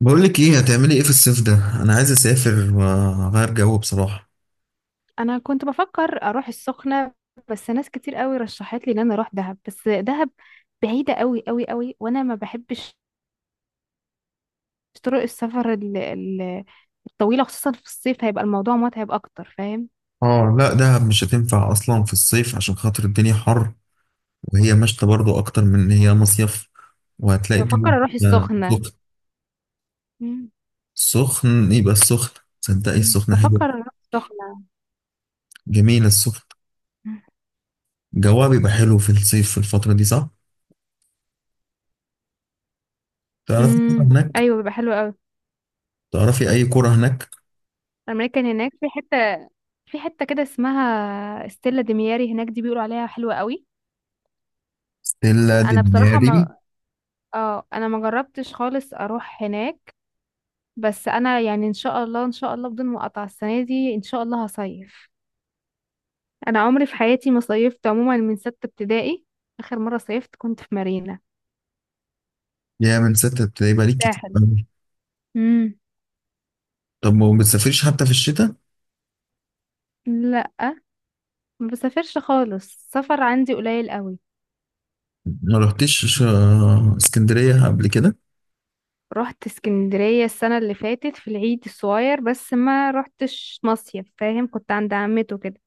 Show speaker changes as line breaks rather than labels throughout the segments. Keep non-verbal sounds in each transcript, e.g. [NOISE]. بقول لك ايه هتعملي ايه في الصيف ده؟ انا عايز اسافر واغير جو بصراحه.
انا كنت بفكر اروح السخنه. بس ناس كتير قوي رشحت لي ان انا اروح دهب. بس دهب بعيده قوي قوي قوي، وانا ما بحبش طرق السفر الطويله، خصوصا في الصيف هيبقى الموضوع متعب اكتر، فاهم؟
اه، لا دهب مش هتنفع اصلا في الصيف عشان خاطر الدنيا حر، وهي مشتى برضو اكتر من ان هي مصيف. وهتلاقي الجو
بفكر اروح
بيبقى
السخنه.
سخن.
مم.
سخن، يبقى السخن، تصدقي
مم.
السخن حلو.
بفكر اروح السخنه.
جميل السخن، جوها بيبقى حلو في الصيف في الفتره دي، صح؟ تعرفي كرة
امم،
هناك؟
ايوه بيبقى حلو قوي.
تعرفي اي كرة هناك؟
انا كان هناك في حته، كده اسمها ستيلا دمياري، هناك دي بيقولوا عليها حلوه قوي.
ستيلا
انا بصراحه
دمياري.
ما... اه، انا ما جربتش خالص اروح هناك. بس انا يعني ان شاء الله ان شاء الله بدون مقاطعة السنة دي ان شاء الله هصيف. انا عمري في حياتي ما صيفت عموما من 6 ابتدائي، اخر مرة صيفت كنت في مارينا
يا، من ستة بتبقى ليك كتير
ساحل.
قوي.
امم.
طب ما بتسافريش حتى في الشتاء؟
لا، ما بسافرش خالص، السفر عندي قليل قوي.
ما رحتش اسكندرية قبل كده؟
رحت اسكندرية السنة اللي فاتت في العيد الصغير، بس ما رحتش مصيف، فاهم؟ كنت عند عمته كده.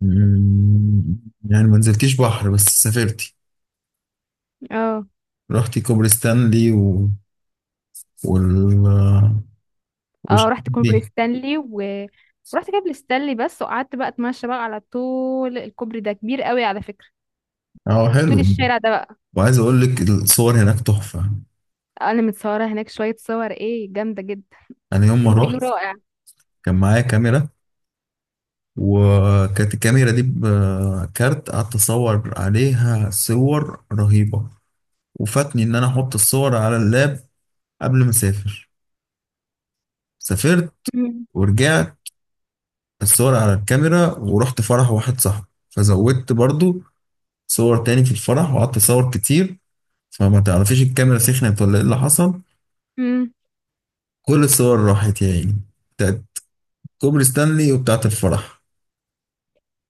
مم، يعني ما نزلتيش بحر بس سافرتي.
اه.
رحتي كوبري ستانلي و... وال وش
اه
دي.
رحت كوبري ستانلي بس، وقعدت بقى اتمشى بقى على طول. الكوبري ده كبير قوي على فكرة،
اه حلو.
طول الشارع ده.
وعايز اقول لك الصور هناك تحفة.
انا متصوره هناك شويه صور، ايه جامده جدا. [LAUGHS]
انا يوم ما
الفيو
رحت
رائع.
كان معايا كاميرا، وكانت الكاميرا دي بكارت، قعدت اصور عليها صور رهيبة، وفاتني ان انا احط الصور على اللاب قبل ما اسافر. سافرت
مم.
ورجعت، الصور على الكاميرا، ورحت فرح واحد صاحبي فزودت برضو صور تاني في الفرح وقعدت اصور كتير، فما تعرفيش الكاميرا سخنت ولا ايه اللي حصل.
مم.
كل الصور راحت يا عيني، بتاعت كوبري ستانلي وبتاعت الفرح.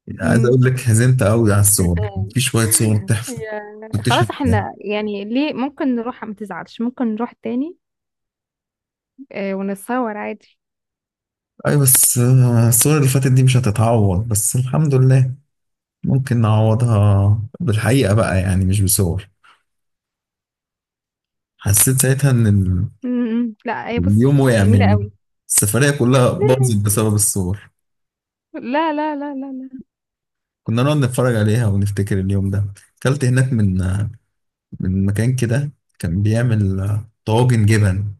يعني عايز
مم.
اقول لك حزنت قوي على الصور،
[LAUGHS]
في شوية صور تحفة. كنتش
خلاص،
هتجيبها.
احنا يعني ليه، ممكن نروح ما تزعلش ممكن نروح تاني. آه، ونتصور عادي.
اي بس الصور اللي فاتت دي مش هتتعوض، بس الحمد لله ممكن نعوضها بالحقيقة بقى، يعني مش بصور. حسيت ساعتها ان
مم. لا هي بص،
اليوم وقع
جميله
مني،
قوي.
السفرية كلها
لا
باظت بسبب الصور.
لا لا لا. لا.
كنا نقعد نتفرج عليها ونفتكر اليوم ده. أكلت هناك من من مكان كده، كان بيعمل طواجن جبن،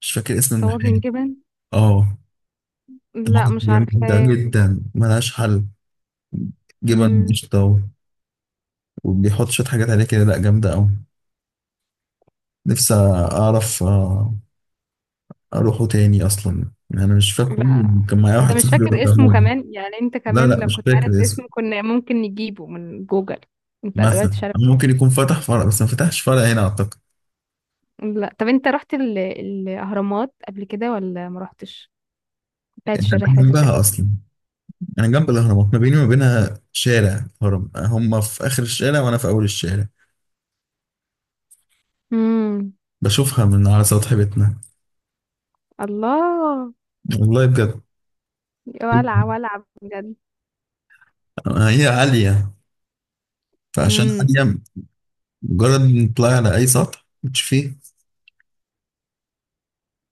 مش فاكر اسم
طواجن
المحل.
جبن؟
اه،
لا
طواجن
مش
جبن جامدة
عارفاه.
جدا، ملهاش حل. جبن
مم.
قشطة، وبيحط شوية حاجات عليه كده، لأ جامدة أوي. نفسي أعرف أروحه تاني أصلا، يعني أنا مش فاكره.
لا،
كان معايا
انت
واحد
مش
صاحبي
فاكر اسمه
وداهوني.
كمان؟ يعني انت
لا
كمان
لا،
لو
مش
كنت عارف
فاكر اسمه.
اسمه كنا ممكن نجيبه من جوجل. انت دلوقتي...
مثلا ممكن يكون فتح فرع، بس ما فتحش فرع هنا أعتقد.
لا طب انت رحت الاهرامات قبل كده ولا ما رحتش؟ بتاعت
انا
الرحله دي شكل.
جنبها اصلا، انا جنب الاهرامات، ما بيني وما بينها شارع هرم، هم في اخر الشارع وانا في اول الشارع.
امم.
بشوفها من على سطح بيتنا.
الله.
والله بجد.
ولع ولع بجد.
هي عاليه، فعشان
امم.
عاليه مجرد ان تطلعي على اي سطح بتشوفيه.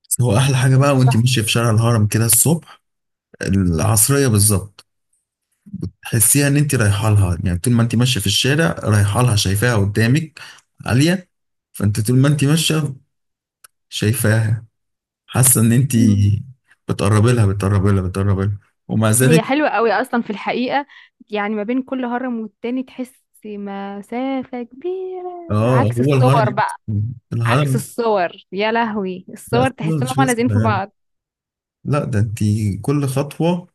بس هو احلى حاجه بقى وانت ماشيه في شارع الهرم كده الصبح، العصريه بالظبط. تحسيها ان انت رايحه لها، يعني طول ما انت ماشيه في الشارع رايحه لها شايفاها قدامك عاليه. فانت طول ما انت ماشيه شايفاها، حاسه ان انت
مم.
بتقربي لها، بتقربي لها، بتقربي لها. ومع
هي
ذلك.
حلوة قوي أصلا في الحقيقة، يعني ما بين كل هرم والتاني تحس مسافة كبيرة.
اه
عكس
هو
الصور
الهرم،
بقى، عكس
الهرم
الصور يا لهوي.
لا
الصور
أصلاً
تحس إنهم
مش ناس
لازقين في
صغيرة.
بعض.
لا ده انت، كل خطوه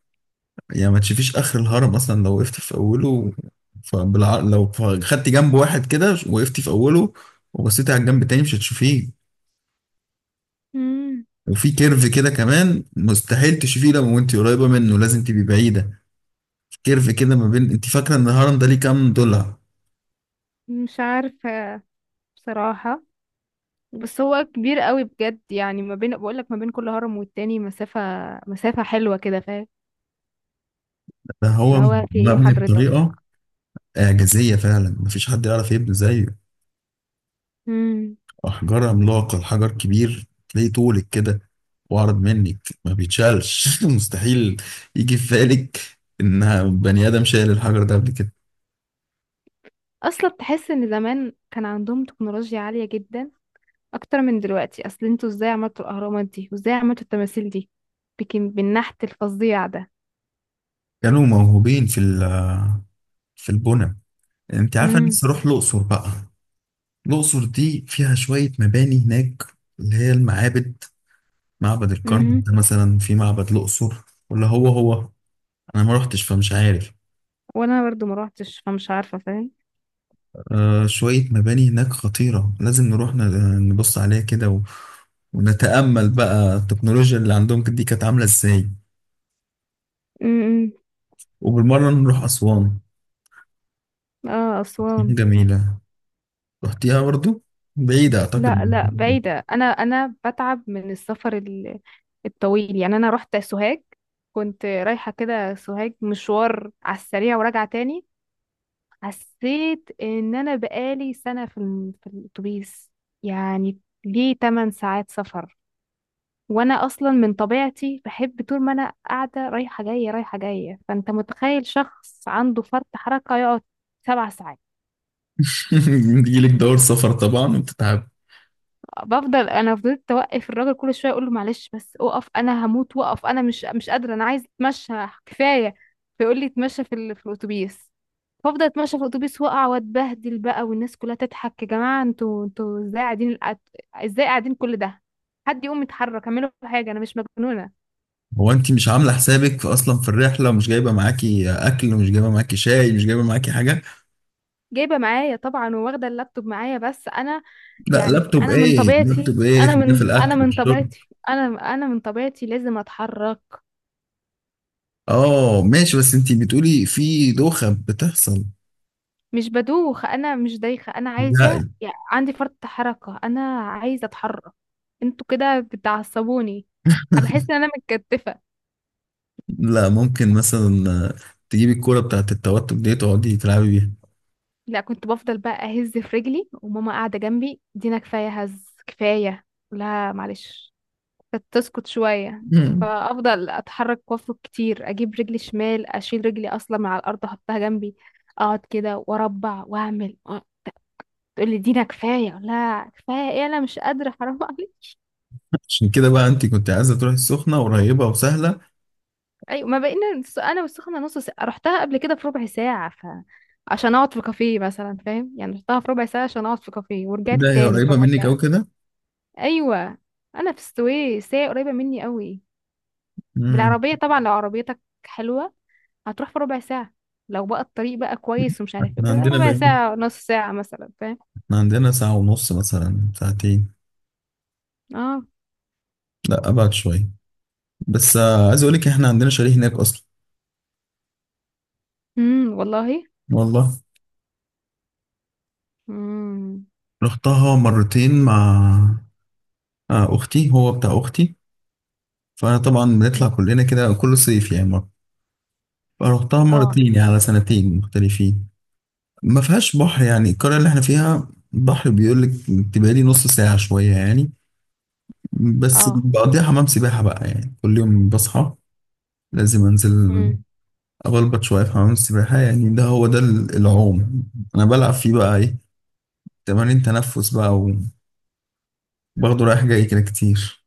يعني ما تشوفيش اخر الهرم اصلا لو وقفت في اوله. لو خدتي جنب واحد كده وقفتي في اوله وبصيتي على الجنب التاني مش هتشوفيه.
مم.
وفي كيرف كده كمان، مستحيل تشوفيه لو وانت قريبه منه، لازم تبقي بعيده. كيرف كده ما بين، انت فاكره ان الهرم ده ليه كام ضلع؟
مش عارفة بصراحة، بس هو كبير قوي بجد. يعني ما بين، بقول لك ما بين كل هرم والتاني مسافة مسافة حلوة كده، فاهم؟
ده
اللي
هو
هو في ايه
مبني
حضرتك.
بطريقه إعجازية فعلا، مفيش حد يعرف يبني زيه.
امم.
أحجار عملاقة، الحجر كبير تلاقيه طولك كده وأعرض منك، ما بيتشالش [LAUGHS] مستحيل يجي في بالك إن بني آدم شايل الحجر ده قبل كده.
اصلا تحس ان زمان كان عندهم تكنولوجيا عالية جدا اكتر من دلوقتي. اصل انتوا ازاي عملتوا الاهرامات دي، وازاي عملتوا التماثيل دي بكم، بالنحت الفظيع ده.
كانوا موهوبين في البنى. أنت عارفة أنا
امم.
نفسي أروح الأقصر بقى. الأقصر دي فيها شوية مباني هناك، اللي هي المعابد. معبد الكرنك
امم.
ده مثلا، في معبد الأقصر، ولا هو هو؟ أنا ما رحتش فمش عارف.
وانا برضو ما روحتش، فمش عارفة، فاهم؟
آه شوية مباني هناك خطيرة، لازم نروح نبص عليها كده ونتأمل بقى التكنولوجيا اللي عندهم دي كانت عاملة ازاي.
امم.
وبالمرة نروح أسوان،
اه، اسوان.
جميلة. رحتيها برضو؟ بعيدة أعتقد
لا لا
[LAUGHS]
بعيدة. أنا بتعب من السفر الطويل. يعني أنا رحت سوهاج، كنت رايحة كده سوهاج مشوار على السريع وراجعة تاني. حسيت إن أنا بقالي سنة في في الأتوبيس، يعني ليه 8 ساعات سفر. وأنا أصلا من طبيعتي بحب طول ما أنا قاعدة رايحة جاية رايحة جاية، فأنت متخيل شخص عنده فرط حركة يقعد 7 ساعات؟
بيجيلك دور سفر طبعا وبتتعب.
انا فضلت اوقف الراجل كل شويه اقول له معلش بس اقف، انا هموت، وقف انا مش قادره، انا عايز اتمشى كفايه. فيقول لي اتمشى في في الاتوبيس. فافضل اتمشى في الاتوبيس واقع واتبهدل بقى، والناس كلها تضحك. يا جماعه انتوا ازاي قاعدين ازاي قاعدين كل ده؟ حد يقوم يتحرك، اعملوا حاجه انا مش مجنونه.
هو أنت مش عاملة حسابك في أصلا في الرحلة، ومش جايبة معاكي أكل، ومش جايبة معاكي شاي، مش جايبة معاكي حاجة؟
جايبه معايا طبعا، وواخده اللابتوب معايا، بس انا...
لا
يعني
لابتوب
انا من
إيه،
طبيعتي،
لابتوب إيه، خلينا في الأكل والشرب.
انا من طبيعتي لازم اتحرك.
آه ماشي، بس أنت بتقولي في دوخة بتحصل.
مش بدوخ، انا مش دايخه، انا عايزه،
لا
يعني عندي فرط حركه، انا عايزه اتحرك. انتوا كده بتعصبوني، بحس ان انا متكتفه.
لا، ممكن مثلا تجيبي الكورة بتاعت التوتر دي تقعدي تلعبي بيها.
لا، كنت بفضل بقى اهز في رجلي، وماما قاعده جنبي: دينا كفايه هز، كفايه. لا معلش، كانت تسكت شويه.
مم.
فافضل اتحرك وافرك كتير، اجيب رجلي شمال، اشيل رجلي اصلا من على الارض احطها جنبي، اقعد كده واربع واعمل. تقول لي دينا كفايه، لا كفايه ايه، انا مش قادره حرام عليك.
عشان كده بقى انت كنت عايزة تروحي السخنة، قريبة وسهلة.
ايوه، ما بقينا انا والسخنه نص ساعه، رحتها قبل كده في ربع ساعه، ف... عشان اقعد في كافيه مثلا، فاهم؟ يعني رحتها في ربع ساعه عشان اقعد في كافيه
ايه
ورجعت
ده، هي
التاني في
قريبة
ربع
منك او
ساعه.
كده؟
ايوه. انا في السويس هي قريبه مني قوي.
امم.
بالعربيه طبعا لو عربيتك حلوه هتروح في ربع ساعه، لو بقى الطريق بقى كويس ومش عارف ايه
احنا
كده،
عندنا
ربع
بعيد،
ساعه نص ساعه مثلا، فاهم؟
احنا عندنا ساعة ونص مثلا، ساعتين.
اه.
لا ابعد شوية. بس عايز اقول لك احنا عندنا شاليه هناك اصلا.
والله.
والله.
امم.
رحتها مرتين مع اختي، هو بتاع اختي. فطبعا بنطلع كلنا كده كل صيف يعني مرة. فرحتها
اه.
مرتين يعني على سنتين مختلفين. ما فيهاش بحر، يعني القرية اللي احنا فيها بحر بيقول لك، تبقى لي نص ساعة شوية يعني. بس
اه.
بقضيها حمام سباحة بقى، يعني كل يوم بصحى لازم انزل
امم.
اغلبط شوية في حمام السباحة. يعني ده هو ده العوم. انا بلعب فيه بقى ايه، تمارين تنفس بقى، وباخده رايح جاي كده كتير.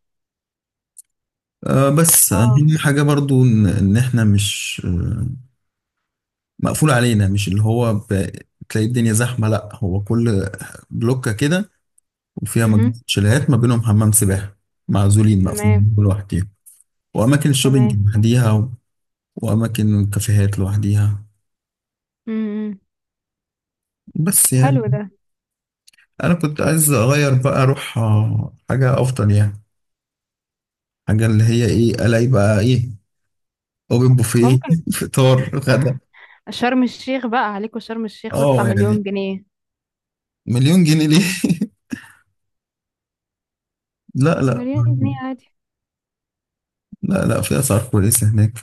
أه بس
اه.
أهم حاجة برضو إن إحنا مش مقفول علينا. مش اللي هو تلاقي الدنيا زحمة. لأ هو كل بلوكة كده، وفيها
امم.
مجموعة شاليهات ما بينهم حمام سباحة، معزولين
تمام.
مقفولين كل واحد فيهم. وأماكن الشوبينج
تمام.
لوحديها وأماكن الكافيهات لوحديها.
امم.
بس يعني
حلو ده.
أنا كنت عايز أغير بقى، أروح حاجة أفضل يعني، حاجة اللي هي إيه، ألاقي بقى إيه، أوبن بوفيه
ممكن.
[LAUGHS] فطار غدا.
شرم الشيخ بقى عليكوا، شرم الشيخ وادفع
أه يعني،
مليون جنيه.
مليون جنيه ليه؟ [LAUGHS] لا لا.
مليون جنيه عادي.
لا لا، في أسعار كويسة هناك.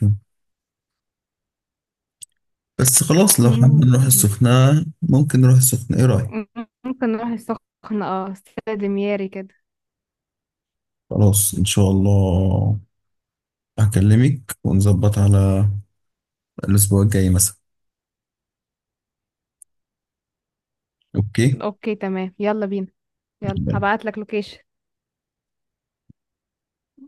بس خلاص لو حابين
مم.
نروح السخنة، ممكن نروح السخنة، إيه رأيك؟
ممكن نروح السخنة اه، استاد مياري كده.
خلاص إن شاء الله، هكلمك ونظبط على الأسبوع الجاي مثلا. أوكي.
اوكي تمام، يلا بينا. يلا هبعتلك لوكيشن.